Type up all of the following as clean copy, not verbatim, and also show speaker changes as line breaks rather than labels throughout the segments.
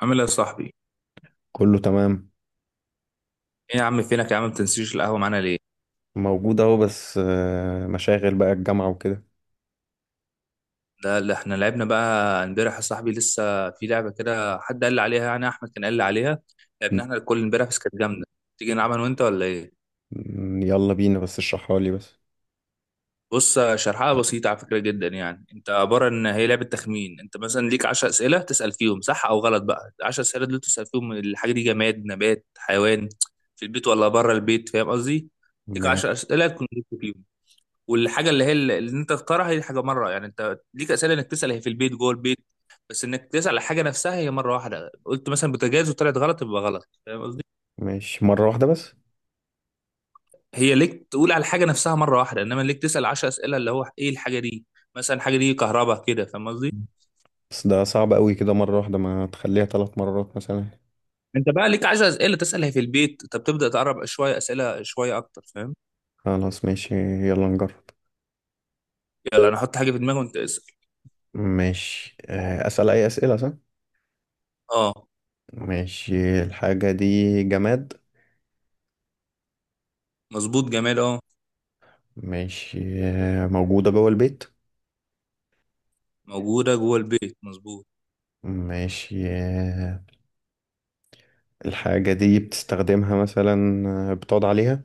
عامل ايه يا صاحبي؟
كله تمام.
ايه يا عم، فينك يا عم؟ ما بتنسيش القهوة معانا ليه؟
موجود اهو، بس مشاغل بقى الجامعة وكده.
ده اللي احنا لعبنا بقى امبارح يا صاحبي. لسه في لعبة كده حد قال لي عليها، يعني احمد كان قال لي عليها.
م-
لعبنا احنا الكل امبارح، بس كانت جامدة. تيجي نلعبها انا وانت ولا ايه؟
يلا بينا، بس اشرحها لي بس.
بص، شرحها بسيطة على فكرة جدا. يعني انت عبارة ان هي لعبة تخمين. انت مثلا ليك 10 أسئلة تسأل فيهم صح او غلط. بقى 10 أسئلة دول تسأل فيهم الحاجة دي جماد، نبات، حيوان، في البيت ولا بره البيت. فاهم قصدي؟ ليك 10
ماشي.
أسئلة تكون جبت فيهم. والحاجه اللي هي اللي انت تختارها هي حاجه مره. يعني انت ليك اسئله انك تسال هي في البيت جوه البيت. بس انك تسال على حاجه نفسها هي مره واحده. قلت مثلا بوتاجاز وطلعت غلط، يبقى غلط. فاهم قصدي؟
ماشي، مرة واحدة بس.
هي ليك تقول على الحاجه نفسها مره واحده، انما ليك تسال 10 اسئله اللي هو ايه الحاجه دي. مثلا الحاجه دي كهرباء كده. فاهم قصدي؟
بس ده صعب قوي كده، مرة واحدة. ما تخليها 3 مرات مثلا.
انت بقى ليك 10 اسئله تسال هي في البيت، طب تبدا تقرب شويه اسئله شويه اكتر. فاهم؟
خلاص، ماشي. يلا نجرب.
يلا، انا احط حاجه في دماغي وانت اسال.
ماشي. أسأل أي أسئلة، صح؟
اه،
ماشي. الحاجة دي جماد؟
مظبوط، جمال، اه.
ماشي. موجودة جوه البيت؟
موجوده جوه البيت مظبوط.
ماشي. الحاجة دي بتستخدمها مثلا؟ بتقعد عليها؟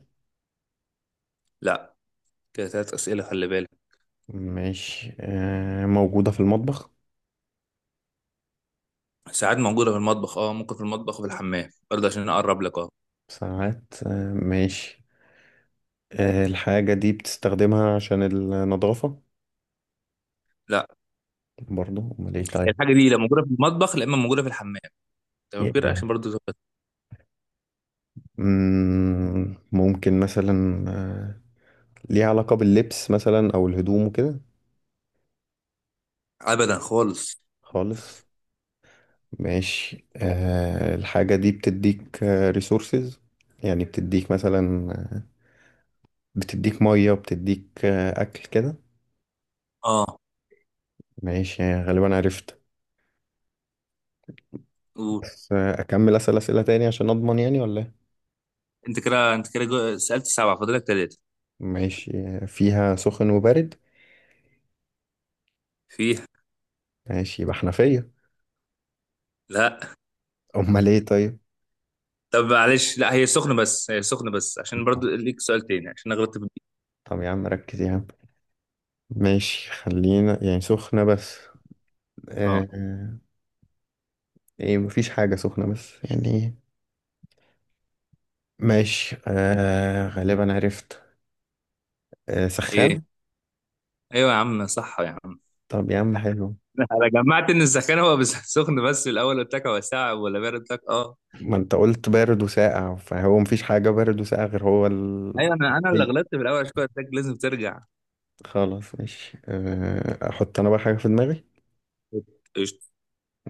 لا. كده ثلاث اسئله، خلي بالك.
ماشي. موجودة في المطبخ؟
ساعات موجودة في المطبخ، اه، ممكن في المطبخ وفي الحمام برضه عشان اقرب لك، اه.
ساعات. ماشي. الحاجة دي بتستخدمها عشان النظافة؟
لا.
برضو؟ أمال إيه طيب؟
الحاجة دي لا موجودة في المطبخ لا اما موجودة في الحمام. تمام كده
يعني،
عشان برضه.
ممكن مثلا ليها علاقة باللبس مثلا أو الهدوم وكده؟
ابدا خالص.
خالص. ماشي. الحاجة دي بتديك ريسورسز، يعني بتديك مثلا، بتديك مية، بتديك أكل كده؟
اه.
ماشي، يعني غالبا عرفت.
قول.
بس أكمل أسأل أسئلة تاني عشان أضمن، يعني ولا إيه؟
انت كده سألت سبعة، فاضلك ثلاثة.
ماشي. فيها سخن وبرد؟
فيها.
ماشي، يبقى حنفية.
لا.
أمال إيه طيب؟
طب معلش، لا هي سخنة بس. هي سخنة بس عشان برضه ليك سؤال تاني، عشان انا غلطت في دي.
طب يا عم، ركز يا عم. ماشي، خلينا يعني سخنة بس.
اه.
آه آه، إيه، مفيش حاجة سخنة بس، يعني إيه. ماشي، غالبا عرفت.
ايه.
سخان.
ايوه يا عم، صح يا عم.
طب يا عم حلو.
لا، انا جمعت ان السخان هو بس سخن بس. الاول قلت لك هو ساعة ولا بارد، قلت لك اه.
ما أنت قلت بارد وساقع، فهو مفيش حاجة بارد وساقع غير هو ال.
ايوه، انا اللي
هي.
غلطت في الاول، عشان كده قلت لك لازم ترجع.
خلاص، ماشي. أحط أنا بقى حاجة في دماغي.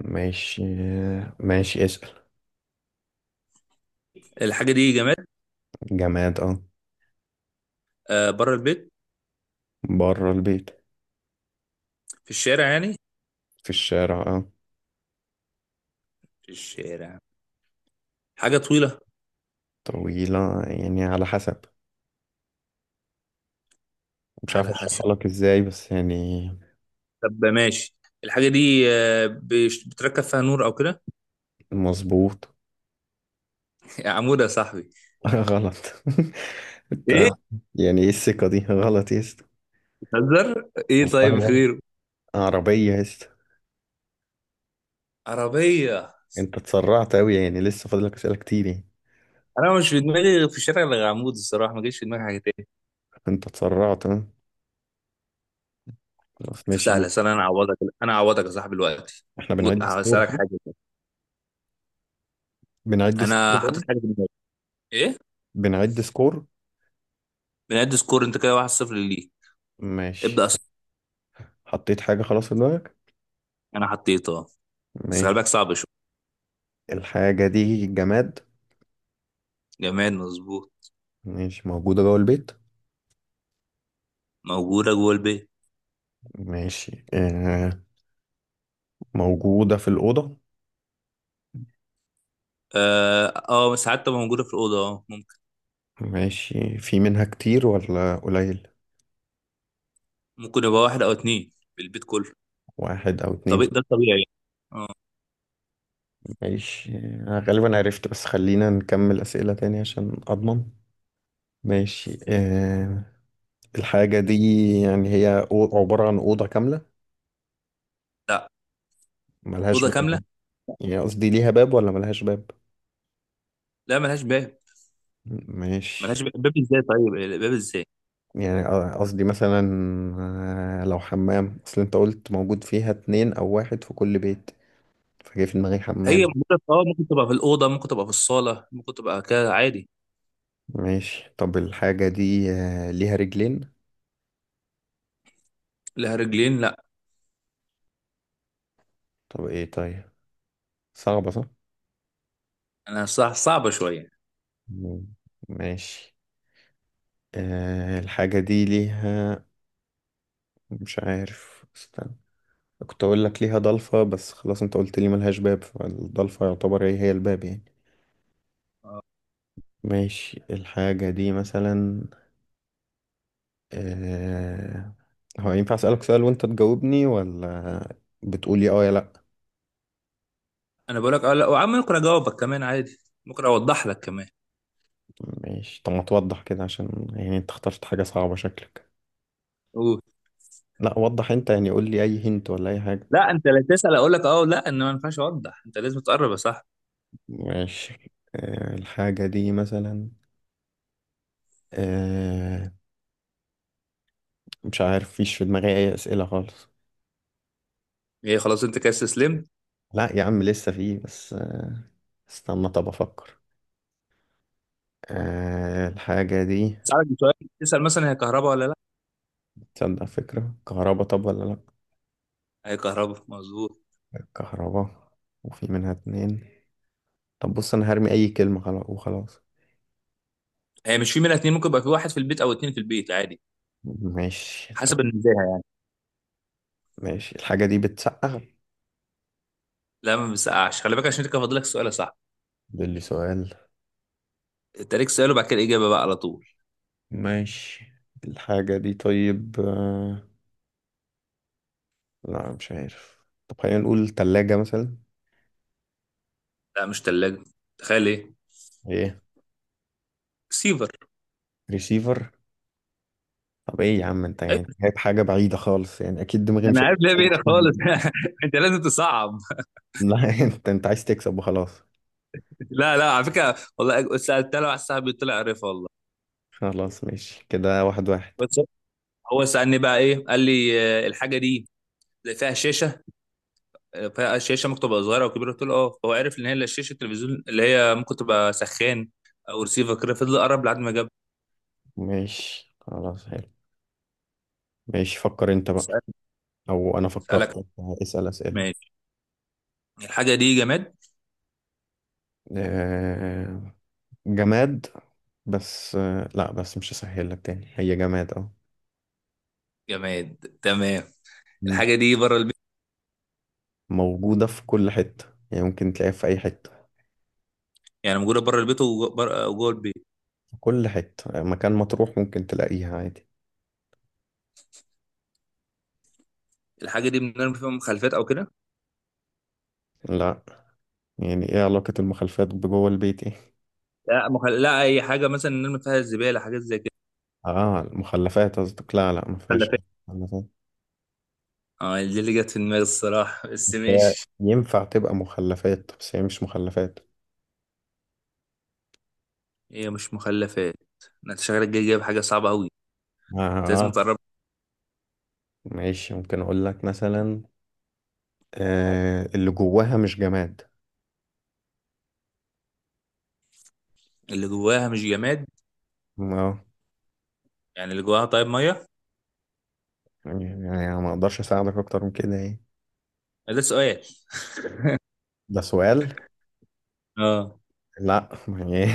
ماشي. ماشي، اسأل.
الحاجة دي جماد.
جماد، اه.
آه، بره البيت.
بره البيت.
في الشارع يعني.
في الشارع، اه.
في الشارع. حاجة طويلة.
طويلة يعني على حسب. مش عارف
على حسب.
اشرحها لك ازاي، بس يعني.
طب ماشي. الحاجة دي بتركب فيها نور أو كده.
مظبوط.
يا عمود يا صاحبي.
غلط. انت،
إيه.
يعني ايه الثقة دي؟ غلط يا اسطى.
بتهزر. إيه طيب
والله غلط.
غيره.
عربية يا اسطى.
عربية.
انت اتسرعت اوي، يعني لسه فاضلك اسئلة كتير يعني.
أنا مش في دماغي غير في الشارع غير عمود، الصراحة ما جاش في دماغي حاجة تاني.
انت اتسرعت، اه. خلاص،
طب سهلة
ماشي.
سهلة، أنا أعوضك. أنا أعوضك يا صاحبي دلوقتي.
احنا بنعد سكور،
هسألك
صح؟
حاجة كده.
بنعد سكور
أنا
بقى؟
حاطط حاجة في دماغي. إيه.
بنعد سكور.
بنعد سكور أنت كده. 1-0 ليك.
ماشي.
ابدأ أصلا.
حطيت حاجة خلاص في دماغك؟
أنا حطيته. بس خلي
ماشي.
بالك صعب شوية.
الحاجة دي جماد؟
جماد مظبوط.
ماشي. موجودة جوه البيت؟
موجودة جوه البيت.
ماشي. موجودة في الأوضة؟
اه، ساعات تبقى موجودة في الأوضة، اه ممكن.
ماشي. في منها كتير ولا قليل؟
ممكن يبقى واحد أو اتنين في البيت كله.
واحد أو
طب
اتنين.
ده الطبيعي يعني. اه.
ماشي. أنا غالبا عرفت، بس خلينا نكمل أسئلة تاني عشان أضمن. ماشي. الحاجة دي يعني هي عبارة عن أوضة كاملة؟
لا.
ملهاش
أوضة كاملة.
باب؟ يعني قصدي، ليها باب ولا ملهاش باب؟
لا، ملهاش باب.
ماشي.
ملهاش باب، باب ازاي طيب؟ باب ازاي؟
يعني قصدي مثلا لو حمام، أصل أنت قلت موجود فيها اتنين أو واحد في كل بيت، فجاي في دماغي
هي
حمام.
موجودة اه ممكن تبقى في الأوضة، ممكن تبقى في الصالة، ممكن تبقى كده عادي.
ماشي. طب الحاجة دي ليها رجلين؟
لها رجلين لا.
طب ايه طيب؟ صعبة، صح؟
أنا صح، صعبة شوية.
مم. ماشي. الحاجة دي ليها، مش عارف، استنى. كنت اقول لك ليها ضلفة، بس خلاص انت قلت لي ملهاش باب، فالضلفة يعتبر هي هي الباب يعني.
آه.
ماشي. الحاجة دي مثلا آه هو ينفع اسألك سؤال وانت تجاوبني؟ ولا بتقولي اه يا لا؟
أنا بقول لك اه لا، وعم ممكن أجاوبك كمان عادي. ممكن أوضح لك كمان.
ماشي. طب ما توضح كده عشان يعني انت اخترت حاجة صعبة شكلك.
قول.
لا، وضح انت، يعني قول لي اي هنت ولا اي حاجة.
لا، أنت لا، تسأل أقول لك اه لا، إن ما ينفعش أوضح. أنت لازم تقرب يا صاحبي.
ماشي. الحاجة دي مثلا. آه، مش عارف، فيش في دماغي اي اسئلة خالص.
هي خلاص أنت كده استسلمت؟
لا يا عم، لسه في، بس استنى، طب افكر. الحاجة دي
اسالك بسؤال. تسال مثلا هي كهرباء ولا لا.
تصدق، فكرة كهربا، طب ولا لا؟
هي كهرباء مظبوط.
كهربا. وفي منها اتنين؟ طب بص، انا هرمي اي كلمة خلاص وخلاص.
هي مش في منها اتنين، ممكن يبقى في واحد في البيت او اتنين في البيت عادي.
ماشي. طب.
حسب الميزان.
ماشي. الحاجة دي بتسقع؟
لا، ما بيسقعش، خلي بالك عشان كده فاضلك سؤال صح.
ده اللي سؤال؟
انت ليك سؤال، وبعد كده الاجابه بقى على طول.
ماشي. الحاجة دي طيب لا، مش عارف. طب خلينا نقول تلاجة مثلا.
لا مش ثلاجه. تخيل ايه.
ايه.
سيفر.
ريسيفر؟ طب ايه يا عم؟ انت يعني
ايوه.
جايب حاجة بعيدة خالص، يعني اكيد دماغي مش
انا عارف
هتبقى.
ليه بعيدة خالص. انت لازم تصعب.
لا. انت عايز تكسب وخلاص.
لا لا، على فكره والله سالتها له على الساعه طلع عارفها والله.
خلاص، ماشي. كده واحد واحد.
بس. هو سالني بقى ايه، قال لي الحاجه دي فيها شاشه. فالشاشه ممكن تبقى صغيره او كبيره، قلت له اه، فهو عرف ان هي لا شاشه التلفزيون اللي هي ممكن تبقى سخان او ريسيفر كده، فضل قرب لحد ما جاب.
ماشي. خلاص. حلو. ماشي، فكر انت بقى.
اسالك.
او انا
اسالك.
فكرت. اسأل اسئلة.
ماشي. الحاجه دي جماد.
آه، جماد. بس لا بس مش هسهل لك تاني. هي جماد، اه.
جماد تمام.
مم.
الحاجه دي بره البيت.
موجودة في كل حتة، يعني ممكن تلاقيها في اي حتة.
يعني موجوده بره البيت وجوه البيت.
كل حتة، مكان ما تروح ممكن تلاقيها عادي.
الحاجه دي بنرمي فيها مخلفات او كده.
لا. يعني ايه علاقة المخلفات بجوه البيت، ايه؟
لا لا، اي حاجه مثلا نرمي فيها الزباله، حاجات زي كده.
اه، المخلفات قصدك؟ لا، لا، ما فيهاش.
مخلفات.
مخلفات.
اه دي اللي جت في دماغي الصراحه، بس
هي
ماشي.
ينفع تبقى مخلفات، بس هي مش مخلفات.
هي مش مخلفات. انت شغلك جاي جايب حاجه صعبه قوي. انت لازم
اه.
تقرب.
ماشي. ممكن اقول لك مثلا، اللي جواها مش جماد.
اللي جواها مش جماد.
اه.
يعني اللي جواها طيب ميه.
يعني ما اقدرش اساعدك اكتر من كده، ايه.
ده سؤال.
ده سؤال؟
اه.
لا يعني.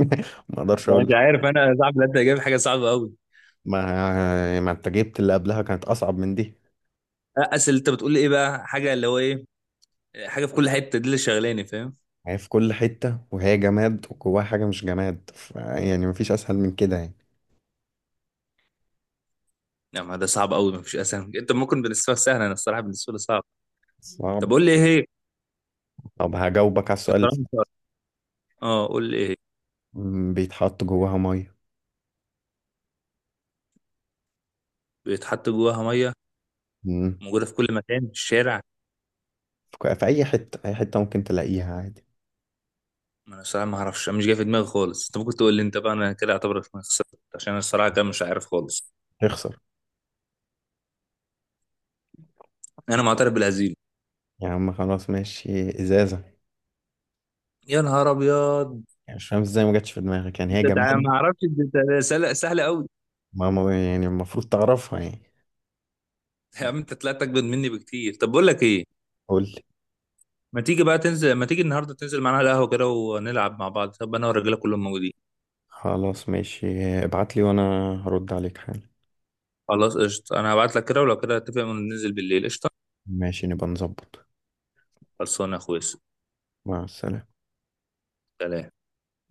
ما اقدرش
أنا مش
اقول.
عارف، انا صعب ان انت جايب حاجه صعبه قوي.
ما انت جبت اللي قبلها كانت اصعب من دي.
اصل انت بتقول ايه بقى، حاجه اللي هو ايه؟ حاجه في كل حته دي اللي شغلاني، فاهم.
هي في كل حتة، وهي جماد وجواها حاجة مش جماد، يعني مفيش أسهل من كده يعني.
لا ما ده صعب قوي، ما فيش اسهل. انت ممكن بالنسبه لك سهله، انا الصراحه بالنسبه لي صعب. طب
صعب.
قول لي ايه هي.
طب هجاوبك على السؤال اللي
الصراحه
فات.
مش عارف. اه قول لي ايه هي؟
بيتحط جواها مية.
بيتحط جواها ميه.
مم،
موجوده في كل مكان في الشارع.
في أي حتة، أي حتة ممكن تلاقيها عادي.
ما انا الصراحه ما اعرفش، أنا مش جاي في دماغي خالص. انت ممكن تقول لي، انت بقى انا كده اعتبرك إنك خسرت، عشان انا الصراحه كده مش عارف خالص.
تخسر.
انا معترف بالهزيمه.
يا عم خلاص، ماشي. إزازة.
يا نهار ابيض.
يعني مش فاهم إزاي ما جاتش في دماغك، يعني هي جماد.
ما اعرفش، انت سهله سهله قوي.
يعني المفروض تعرفها يعني.
يا عم انت طلعت اجمد مني بكتير. طب بقول لك ايه،
قول لي.
ما تيجي بقى تنزل، ما تيجي النهارده تنزل معانا على القهوه كده ونلعب مع بعض، طب انا والرجاله كلهم موجودين.
خلاص، ماشي. ابعت لي وأنا هرد عليك حالا.
خلاص قشطه، انا هبعت لك كده، ولو كده اتفق وننزل بالليل قشطه.
ماشي، نبقى نظبط.
خلصانه يا اخويا.
مع السلامة.
سلام.